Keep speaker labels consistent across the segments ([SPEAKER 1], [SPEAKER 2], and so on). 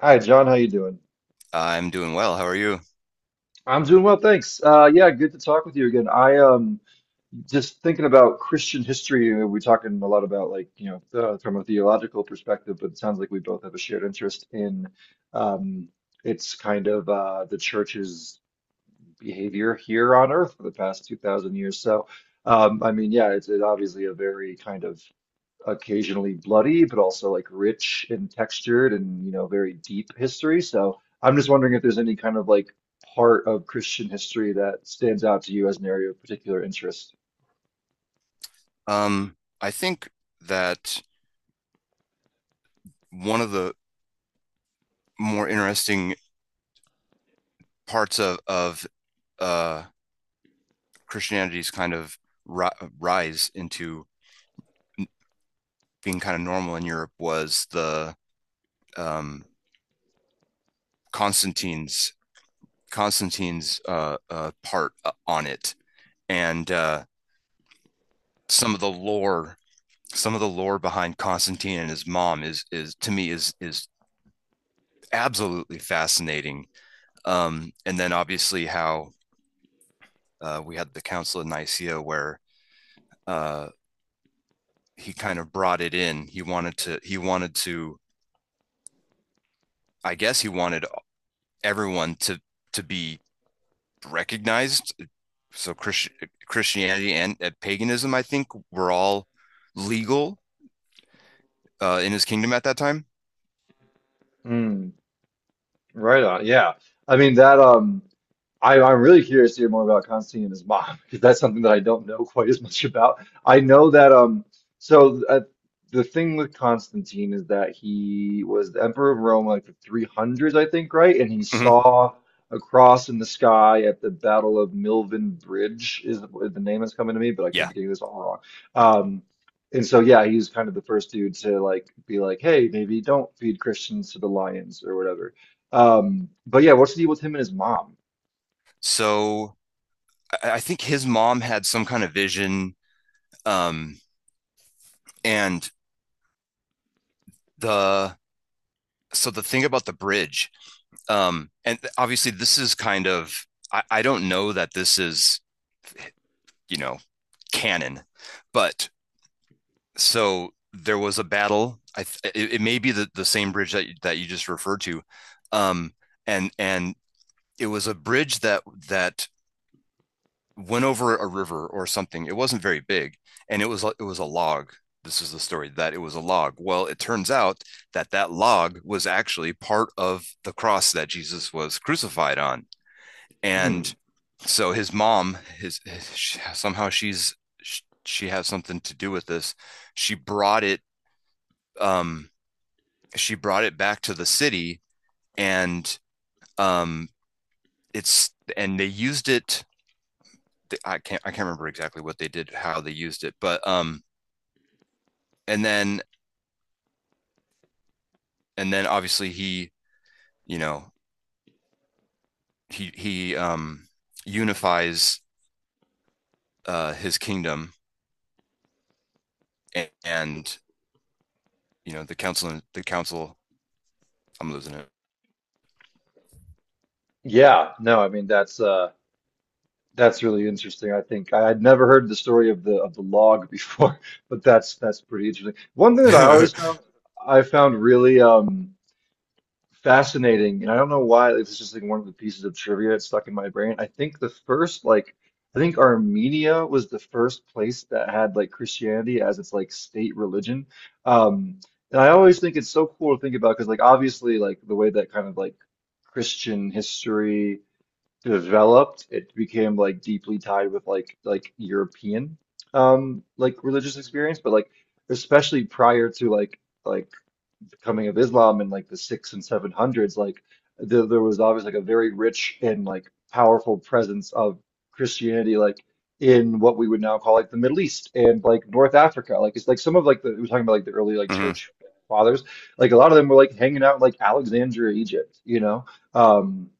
[SPEAKER 1] Hi, John. How you doing?
[SPEAKER 2] I'm doing well. How are you?
[SPEAKER 1] I'm doing well, thanks. Yeah, good to talk with you again. I just thinking about Christian history. We're talking a lot about like you know from a theological perspective, but it sounds like we both have a shared interest in um it's kind of the church's behavior here on earth for the past 2,000 years. So I mean, yeah, it's obviously a very kind of occasionally bloody, but also like rich and textured and, you know, very deep history. So I'm just wondering if there's any kind of like part of Christian history that stands out to you as an area of particular interest.
[SPEAKER 2] Um, I think that one of the more interesting parts of uh, Christianity's kind of ri rise into n- being kind of normal in Europe was the um, Constantine's Constantine's part on it, and some of the lore, some of the lore behind Constantine and his mom is to me is absolutely fascinating. And then obviously how we had the Council of Nicaea where uh, he kind of brought it in. He wanted to. He wanted to. I guess he wanted everyone to be recognized. So Christianity and paganism, I think, were all legal in his kingdom at that time.
[SPEAKER 1] Mm, right on. Yeah. I mean that I'm really curious to hear more about Constantine and his mom because that's something that I don't know quite as much about. I know that so uh, the thing with Constantine is that he was the emperor of Rome like the 300s, I think, right? And he
[SPEAKER 2] Hmm.
[SPEAKER 1] saw a cross in the sky at the Battle of Milvian Bridge is the name that's coming to me, but I could
[SPEAKER 2] Yeah.
[SPEAKER 1] be getting this all wrong. Um, and so yeah, he was kind of the first dude to like be like, hey, maybe don't feed Christians to the lions or whatever. But yeah, what's the deal with him and his mom?
[SPEAKER 2] So I think his mom had some kind of vision. Um, and the So the thing about the bridge, and obviously, this is kind of, I don't know that this is, you know, canon, but so there was a battle. It, it may be the same bridge that that you just referred to. Um, and it was a bridge that that went over a river or something. It wasn't very big, and it was a log. This is the story, that it was a log. Well, it turns out that that log was actually part of the cross that Jesus was crucified on.
[SPEAKER 1] Mm.
[SPEAKER 2] And so his somehow, she's, she has something to do with this, she brought it, um she brought it back to the city, and um it's and they used it. I can't remember exactly what they did, how they used it, but and then and then obviously he, you know, he unifies his kingdom, and, you know, the council, I'm losing it.
[SPEAKER 1] Yeah, no, I mean that's that's really interesting. I think I had never heard the story of the log before, but that's pretty interesting. One thing that I always found really fascinating, and I don't know why it's just like one of the pieces of trivia that's stuck in my brain. I think Armenia was the first place that had like Christianity as its like state religion. Um and I always think it's so cool to think about because like obviously like the way that kind of like Christian history developed, it became like deeply tied with like European like religious experience, but like especially prior to like the coming of Islam in like the six and seven hundreds, like there was obviously like a very rich and like powerful presence of Christianity like in what we would now call like the Middle East and like North Africa. Like it's like some of like the we're talking about like the early like
[SPEAKER 2] Mhm.
[SPEAKER 1] church fathers, like a lot of them were like hanging out in, like Alexandria, Egypt, you know? Um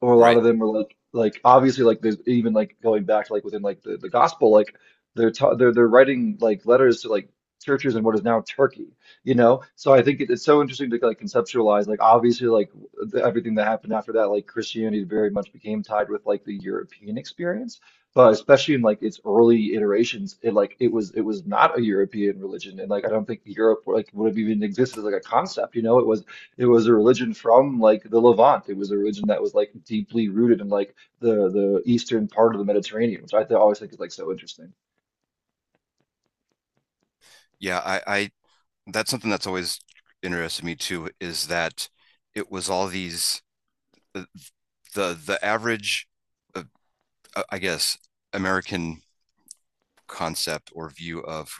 [SPEAKER 1] or a lot
[SPEAKER 2] Right.
[SPEAKER 1] of them are like obviously like there's even like going back like within like the gospel like they're writing like letters to like churches in what is now Turkey you know so I think it's so interesting to like conceptualize like obviously like everything that happened after that like Christianity very much became tied with like the European experience but especially in like its early iterations it like it was not a European religion and like I don't think Europe like would have even existed as like a concept you know it was a religion from like the Levant. It was a religion that was like deeply rooted in like the eastern part of the Mediterranean, which I th always think is like so interesting.
[SPEAKER 2] Yeah, I That's something that's always interested me too, is that it was all these the the, average uh, I guess American concept or view of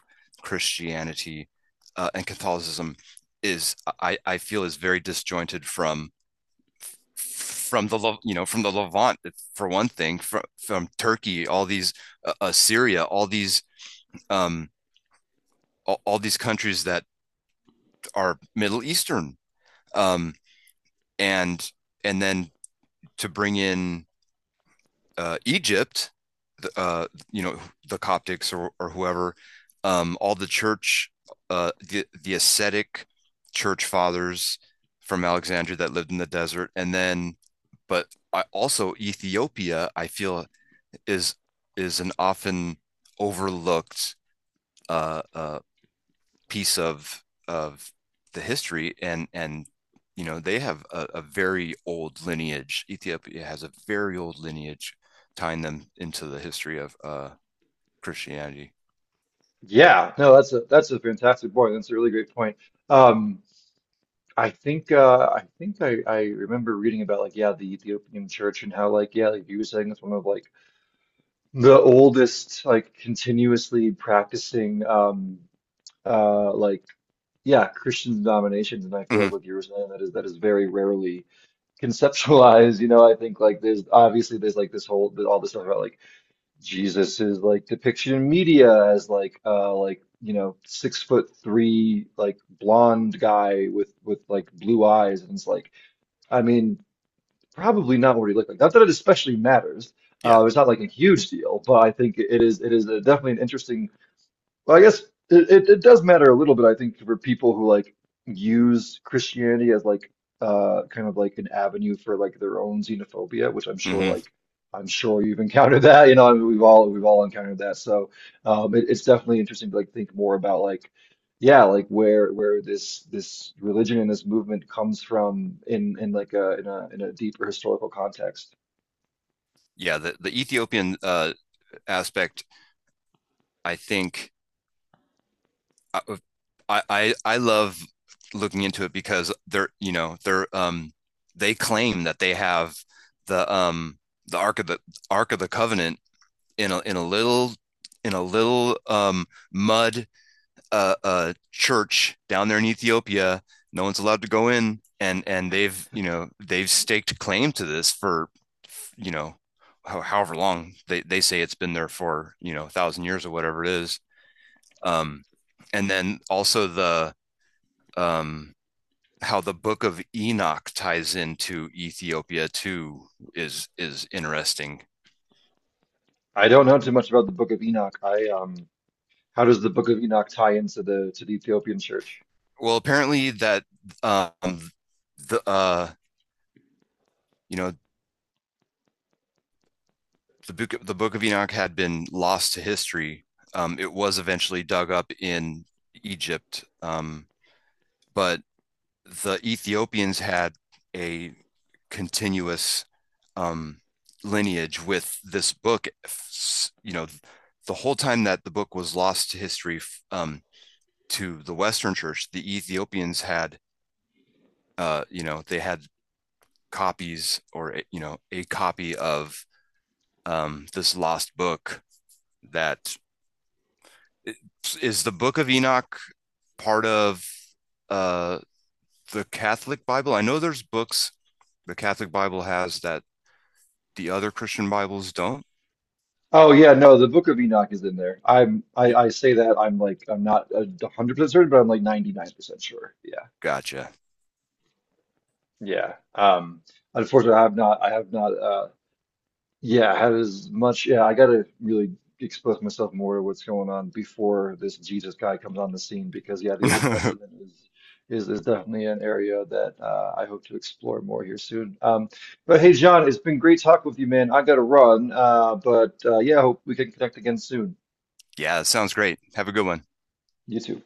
[SPEAKER 2] Christianity and Catholicism is, I feel, is very disjointed from the, you know, from the Levant, for one thing, from Turkey, all these uh, uh, all these um all these countries that are Middle Eastern, um and and then to bring in Egypt, you know, the Coptics, or whoever, all the church, the ascetic church fathers from Alexandria that lived in the desert, and then, but I, also Ethiopia, I feel is is an often overlooked Uh, uh, piece of the history, and you know they have a very old lineage. Ethiopia has a very old lineage tying them into the history of Christianity.
[SPEAKER 1] Yeah, no, that's a fantastic point. That's a really great point. Um, I think I think I remember reading about like yeah the Ethiopian church and how like yeah like you were saying it's one of like the oldest like continuously practicing like yeah Christian denominations and I feel
[SPEAKER 2] Hmm.
[SPEAKER 1] like what you were saying that is very rarely conceptualize, you know, I think like there's obviously there's like this whole all this stuff about like Jesus's like depiction in media as like you know 6'3" like blonde guy with like blue eyes and it's like I mean probably not what he looked like. Not that it especially matters.
[SPEAKER 2] Yeah.
[SPEAKER 1] It's not like a huge deal, but I think it is definitely an interesting well, I guess it does matter a little bit, I think, for people who like use Christianity as like kind of like an avenue for like their own xenophobia, which I'm sure like
[SPEAKER 2] Hmm.
[SPEAKER 1] I'm sure you've encountered that, you know, I mean, we've all encountered that. So it's definitely interesting to like think more about like yeah, like where this religion and this movement comes from in like a in a deeper historical context.
[SPEAKER 2] Yeah, the Ethiopian aspect, I think, I, I love looking into it, because they're, you know, they claim that they have the the ark of the ark of the covenant in a in a little in a little mud church down there in Ethiopia. No one's allowed to go in, and they've, you know, they've staked claim to this for, you know, however long. They say it's been there for, you know, 1,000 years or whatever it is. Um, and then also the um, how the Book of Enoch ties into Ethiopia too is interesting.
[SPEAKER 1] I don't know too much about the Book of Enoch. I How does the Book of Enoch tie into the Ethiopian church?
[SPEAKER 2] Well, apparently that um, the you know, the Book of Enoch had been lost to history. It was eventually dug up in Egypt, but the Ethiopians had a continuous um, lineage with this book. You know, the whole time that the book was lost to history, um, to the Western Church, the Ethiopians had, you know, they had copies, or, you know, a copy of, this lost book, that is the Book of Enoch. Part of uh, the Catholic Bible, I know there's books the Catholic Bible has that the other Christian Bibles don't.
[SPEAKER 1] Oh yeah, no, the Book of Enoch is in there. I say that I'm like I'm not 100% certain, but I'm like 99% sure. Yeah,
[SPEAKER 2] Gotcha.
[SPEAKER 1] yeah. Unfortunately, I have not. I have not. Yeah, had as much. Yeah, I gotta really expose myself more to what's going on before this Jesus guy comes on the scene because yeah, the Old Testament is definitely an area that I hope to explore more here soon. But hey, John, it's been great talking with you, man. I gotta run. But yeah, hope we can connect again soon.
[SPEAKER 2] yeah, sounds great, have a good one.
[SPEAKER 1] You too.